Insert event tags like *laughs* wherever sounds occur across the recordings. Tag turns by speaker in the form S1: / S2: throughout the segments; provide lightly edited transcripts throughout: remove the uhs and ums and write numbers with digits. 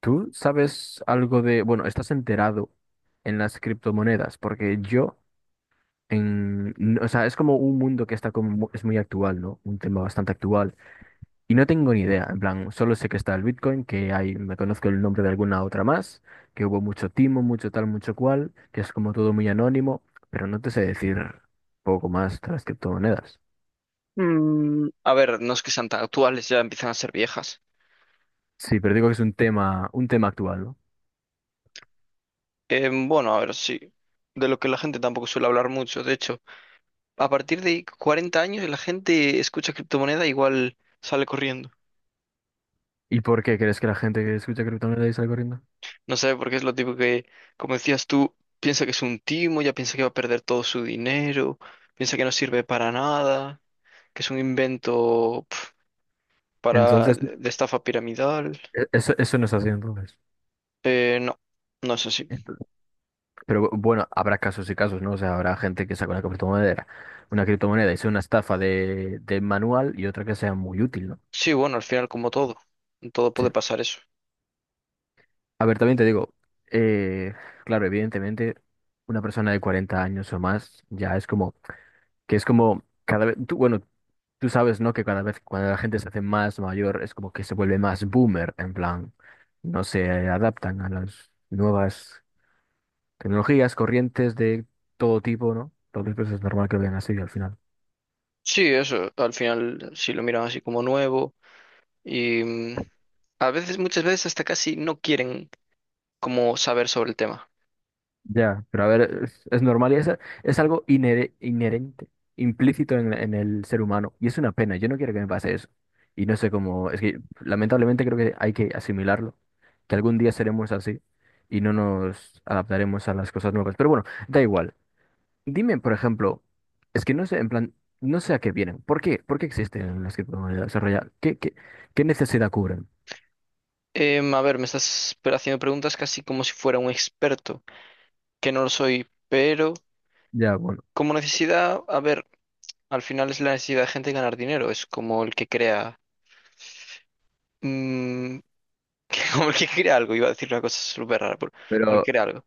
S1: ¿Tú sabes algo de, bueno, estás enterado en las criptomonedas? Porque yo, o sea, es como un mundo que está como, es muy actual, ¿no? Un tema bastante actual. Y no tengo ni idea, en plan, solo sé que está el Bitcoin, que hay, me conozco el nombre de alguna otra más, que hubo mucho timo, mucho tal, mucho cual, que es como todo muy anónimo, pero no te sé decir poco más de las criptomonedas.
S2: No es que sean tan actuales, ya empiezan a ser viejas.
S1: Sí, pero digo que es un tema actual, ¿no?
S2: Sí. De lo que la gente tampoco suele hablar mucho. De hecho, a partir de 40 años la gente escucha criptomoneda igual sale corriendo.
S1: ¿Y por qué crees que la gente que escucha criptomonedas es algo corriendo?
S2: No sé, porque es lo tipo que, como decías tú, piensa que es un timo, ya piensa que va a perder todo su dinero, piensa que no sirve para nada, que es un invento para
S1: Entonces,
S2: de estafa piramidal.
S1: Eso, eso no es así entonces.
S2: No, no es así.
S1: Ento- Pero bueno, habrá casos y casos, ¿no? O sea, habrá gente que saca una criptomoneda y sea una estafa de manual y otra que sea muy útil, ¿no?
S2: Sí, bueno, al final como todo, en todo
S1: Sí.
S2: puede pasar eso.
S1: A ver, también te digo, eh, claro, evidentemente, una persona de 40 años o más ya es como, que es como cada vez, tú, bueno, tú sabes, ¿no? Que cada vez cuando la gente se hace más mayor es como que se vuelve más boomer, en plan, no se adaptan a las nuevas tecnologías, corrientes de todo tipo, ¿no? Entonces, pues es normal que lo vean así al final.
S2: Sí, eso, al final sí lo miran así como nuevo y a veces, muchas veces hasta casi no quieren como saber sobre el tema.
S1: Ya, pero a ver, es normal y es algo inherente, implícito en el ser humano. Y es una pena, yo no quiero que me pase eso. Y no sé cómo, es que lamentablemente creo que hay que asimilarlo, que algún día seremos así y no nos adaptaremos a las cosas nuevas. Pero bueno, da igual. Dime, por ejemplo, es que no sé, en plan, no sé a qué vienen. ¿Por qué? ¿Por qué existen las criptomonedas? O sea, ya, ¿qué, qué necesidad cubren?
S2: Me estás haciendo preguntas casi como si fuera un experto, que no lo soy, pero
S1: Ya, bueno.
S2: como necesidad, a ver, al final es la necesidad de gente de ganar dinero, es como el que crea, mm, *laughs* como el que crea algo, iba a decir una cosa súper rara, pero como el que
S1: Pero
S2: crea algo.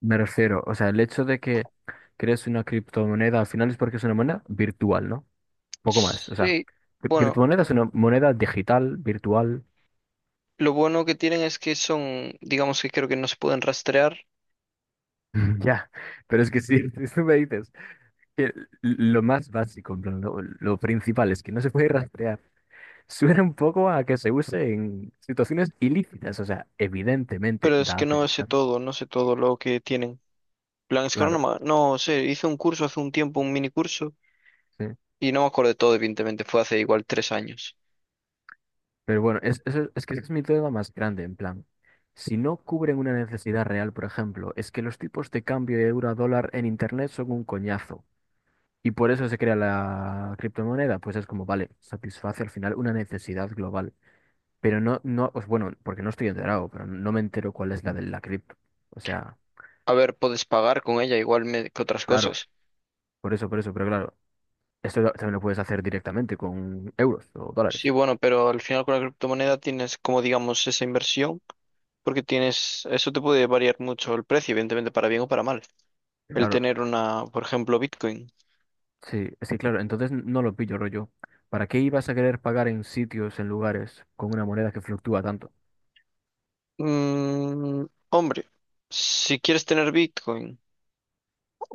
S1: me refiero, o sea, el hecho de que crees una criptomoneda al final es porque es una moneda virtual, ¿no? Poco más, o sea,
S2: Sí, bueno,
S1: criptomoneda es una moneda digital, virtual,
S2: lo bueno que tienen es que son, digamos que creo que no se pueden rastrear.
S1: *laughs* ya. Pero es que si *laughs* tú me dices que lo más básico, en plan, lo principal es que no se puede rastrear, suena un poco a que se use en situaciones ilícitas, o sea, evidentemente
S2: Pero es
S1: da a
S2: que
S1: pensar,
S2: no sé todo lo que tienen. Plan, es que ahora no,
S1: claro,
S2: no sé, hice un curso hace un tiempo, un mini curso,
S1: sí.
S2: y no me acuerdo de todo, evidentemente, fue hace igual 3 años.
S1: Pero bueno, es que ese es mi duda más grande, en plan. Si no cubren una necesidad real, por ejemplo, es que los tipos de cambio de euro a dólar en internet son un coñazo. Y por eso se crea la criptomoneda, pues es como, vale, satisface al final una necesidad global. Pero pues bueno, porque no estoy enterado, pero no me entero cuál es la de la cripto. O sea,
S2: A ver, puedes pagar con ella igual que otras
S1: claro,
S2: cosas.
S1: por eso, pero claro, también lo puedes hacer directamente con euros o
S2: Sí,
S1: dólares.
S2: bueno, pero al final con la criptomoneda tienes como digamos esa inversión, porque tienes, eso te puede variar mucho el precio, evidentemente, para bien o para mal. El
S1: Claro,
S2: tener una, por ejemplo, Bitcoin.
S1: sí, sí, claro, entonces no lo pillo, rollo. ¿Para qué ibas a querer pagar en sitios, en lugares, con una moneda que fluctúa tanto?
S2: Hombre, si quieres tener Bitcoin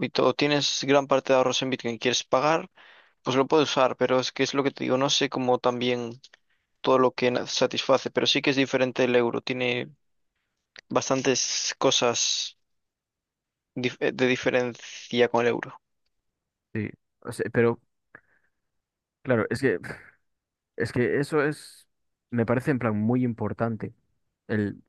S2: y todo, tienes gran parte de ahorros en Bitcoin, quieres pagar. Pues lo puedo usar, pero es que es lo que te digo, no sé cómo también todo lo que satisface, pero sí que es diferente el euro, tiene bastantes cosas de diferencia con el euro.
S1: Sí, o sea, pero claro, es que, *laughs* es que eso es, me parece en plan muy importante el,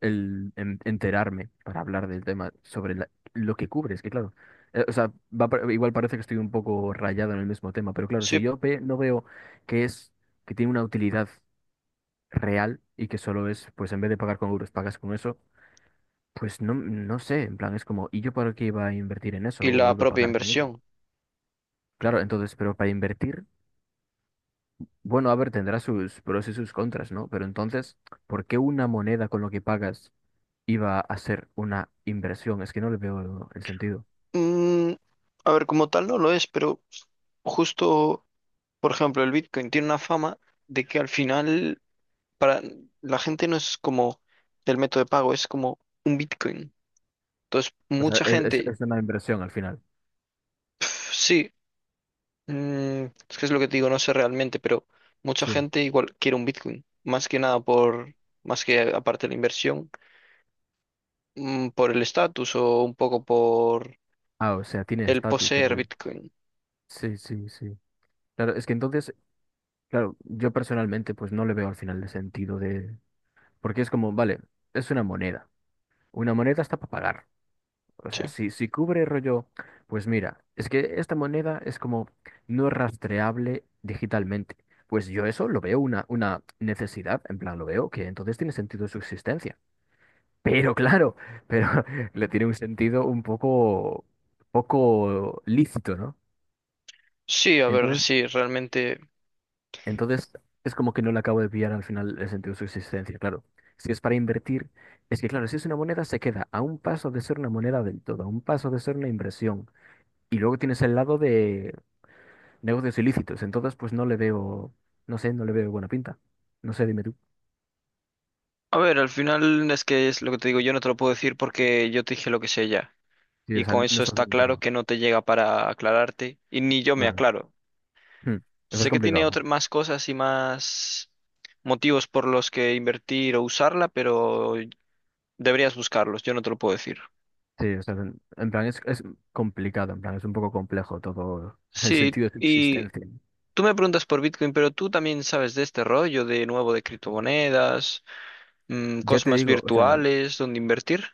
S1: enterarme para hablar del tema sobre lo que cubre. Es que claro, o sea, igual parece que estoy un poco rayado en el mismo tema, pero claro,
S2: Sí,
S1: si yo no veo que es, que tiene una utilidad real y que solo es, pues en vez de pagar con euros, pagas con eso. Pues no, no sé, en plan, es como, ¿y yo para qué iba a invertir en eso
S2: y
S1: o
S2: la
S1: iba a
S2: propia
S1: pagar con eso?
S2: inversión.
S1: Claro, entonces, pero para invertir, bueno, a ver, tendrá sus pros y sus contras, ¿no? Pero entonces, ¿por qué una moneda con lo que pagas iba a ser una inversión? Es que no le veo el sentido.
S2: Mm, Como tal no lo es, pero justo, por ejemplo, el Bitcoin tiene una fama de que al final para la gente no es como el método de pago, es como un Bitcoin. Entonces,
S1: O sea,
S2: mucha gente,
S1: es una inversión al final.
S2: sí. Es que es lo que te digo, no sé realmente, pero mucha
S1: Sí.
S2: gente igual quiere un Bitcoin, más que nada por, más que aparte de la inversión, por el estatus o un poco por
S1: Ah, o sea, tiene
S2: el
S1: estatus.
S2: poseer Bitcoin.
S1: Sí, sí, sí. Claro, es que entonces, claro, yo personalmente, pues no le veo al final el sentido de... Porque es como, vale, es una moneda. Una moneda está para pagar. O
S2: Sí.
S1: sea, si cubre rollo, pues mira, es que esta moneda es como no es rastreable digitalmente. Pues yo eso lo veo una necesidad, en plan lo veo, que entonces tiene sentido su existencia. Pero claro, pero *laughs* le tiene un sentido un poco, poco lícito, ¿no?
S2: Sí, a ver,
S1: Entonces,
S2: sí, realmente.
S1: entonces es como que no le acabo de pillar al final el sentido de su existencia, claro. Si es para invertir, es que claro, si es una moneda se queda a un paso de ser una moneda del todo, a un paso de ser una inversión. Y luego tienes el lado de negocios ilícitos. Entonces, pues no le veo, no sé, no le veo buena pinta. No sé, dime tú.
S2: A ver, al final es que es lo que te digo, yo no te lo puedo decir porque yo te dije lo que sé ya.
S1: Sí, o
S2: Y
S1: sea,
S2: con
S1: no
S2: eso
S1: estás
S2: está
S1: muy
S2: claro
S1: enterado.
S2: que no te llega para aclararte y ni yo me
S1: Claro.
S2: aclaro.
S1: Hmm. Eso es
S2: Sé que tiene
S1: complicado.
S2: otras
S1: Bueno,
S2: más cosas y más motivos por los que invertir o usarla, pero deberías buscarlos, yo no te lo puedo decir.
S1: sí, o sea, es complicado, en plan es un poco complejo todo *laughs* el
S2: Sí,
S1: sentido de su
S2: y
S1: existencia.
S2: tú me preguntas por Bitcoin, pero tú también sabes de este rollo de nuevo de criptomonedas,
S1: Ya
S2: cosas
S1: te
S2: más
S1: digo, o sea,
S2: virtuales, donde invertir.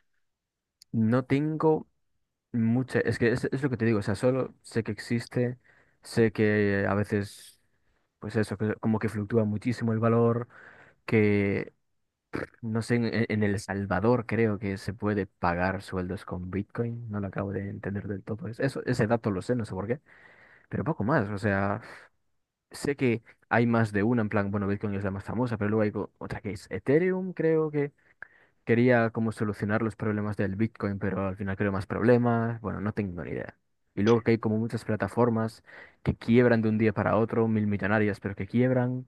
S1: no tengo mucha, es que es lo que te digo, o sea, solo sé que existe, sé que a veces, pues eso, que como que fluctúa muchísimo el valor, que no sé, El Salvador creo que se puede pagar sueldos con Bitcoin. No lo acabo de entender del todo. Eso, ese dato lo sé, no sé por qué. Pero poco más. O sea, sé que hay más de una. En plan, bueno, Bitcoin es la más famosa, pero luego hay otra que es Ethereum. Creo que quería como solucionar los problemas del Bitcoin, pero al final creo más problemas. Bueno, no tengo ni idea. Y luego que hay como muchas plataformas que quiebran de un día para otro, mil millonarias, pero que quiebran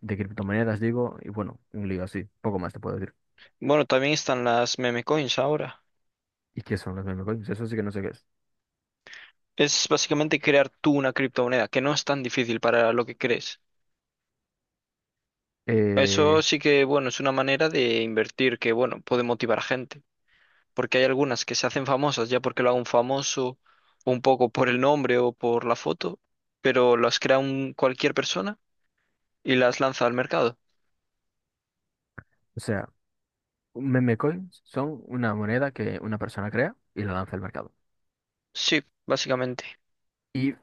S1: de criptomonedas, digo. Y bueno, un lío así. Poco más te puedo decir.
S2: Bueno, también están las meme coins ahora.
S1: ¿Y qué son los meme coins? Eso sí que no sé qué es.
S2: Es básicamente crear tú una criptomoneda, que no es tan difícil para lo que crees. Eso
S1: Eh,
S2: sí que, bueno, es una manera de invertir que, bueno, puede motivar a gente, porque hay algunas que se hacen famosas ya porque lo haga un famoso, un poco por el nombre o por la foto, pero las crea un, cualquier persona y las lanza al mercado.
S1: o sea, un meme coins son una moneda que una persona crea y la lanza al mercado.
S2: Sí, básicamente.
S1: Y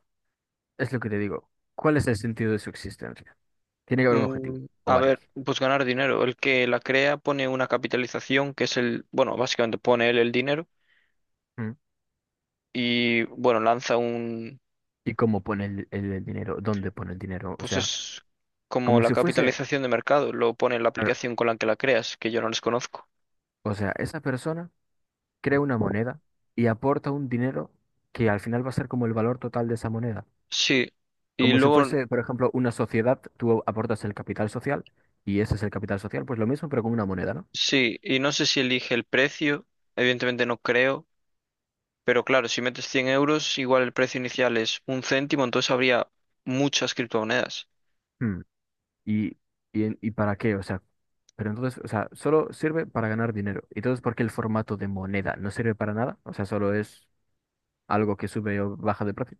S1: es lo que te digo. ¿Cuál es el sentido de su existencia? Tiene que haber un objetivo, o varios.
S2: Pues ganar dinero. El que la crea pone una capitalización que es el, bueno, básicamente pone él el dinero
S1: ¿Mm?
S2: y, bueno, lanza
S1: ¿Y cómo pone el, el dinero? ¿Dónde pone el dinero? O
S2: pues
S1: sea,
S2: es como
S1: como
S2: la
S1: si fuese...
S2: capitalización de mercado, lo pone en la
S1: claro,
S2: aplicación con la que la creas, que yo no les conozco.
S1: o sea, esa persona crea una moneda y aporta un dinero que al final va a ser como el valor total de esa moneda.
S2: Sí, y
S1: Como si
S2: luego,
S1: fuese, por ejemplo, una sociedad, tú aportas el capital social y ese es el capital social, pues lo mismo, pero con una moneda, ¿no?
S2: no sé si elige el precio, evidentemente no creo, pero claro, si metes 100 euros, igual el precio inicial es un céntimo, entonces habría muchas criptomonedas.
S1: Hmm, ¿y, y para qué? O sea, pero entonces, o sea, solo sirve para ganar dinero. ¿Y entonces por qué el formato de moneda no sirve para nada? O sea, solo es algo que sube o baja de precio.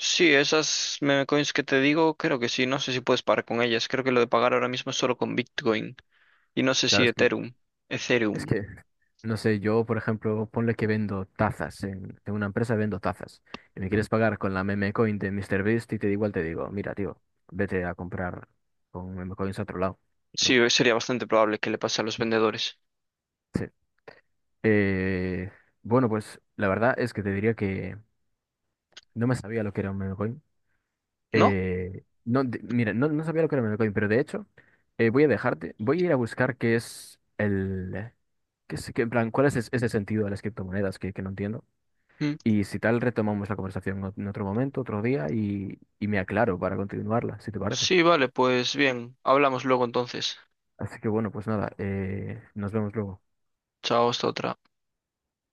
S2: Sí, esas meme coins que te digo, creo que sí. No sé si puedes pagar con ellas. Creo que lo de pagar ahora mismo es solo con Bitcoin. Y no sé
S1: Claro,
S2: si Ethereum.
S1: es
S2: Ethereum.
S1: que, no sé, yo, por ejemplo, ponle que vendo tazas, en una empresa vendo tazas, y me quieres pagar con la meme coin de MrBeast y te digo, igual te digo, mira, tío, vete a comprar con meme coins a otro lado.
S2: Sí,
S1: ¿No?
S2: sería bastante probable que le pase a los vendedores.
S1: Sí. Eh, bueno, pues la verdad es que te diría que no me sabía lo que era un meme coin.
S2: ¿No?
S1: No, mira, no, no sabía lo que era un meme coin, pero de hecho voy a dejarte, voy a ir a buscar qué es el... en plan, ese sentido de las criptomonedas que no entiendo.
S2: Mm.
S1: Y si tal, retomamos la conversación en otro momento, otro día, y me aclaro para continuarla, si te parece.
S2: Sí, vale, pues bien. Hablamos luego entonces.
S1: Así que bueno, pues nada, nos vemos luego.
S2: Chao, hasta otra.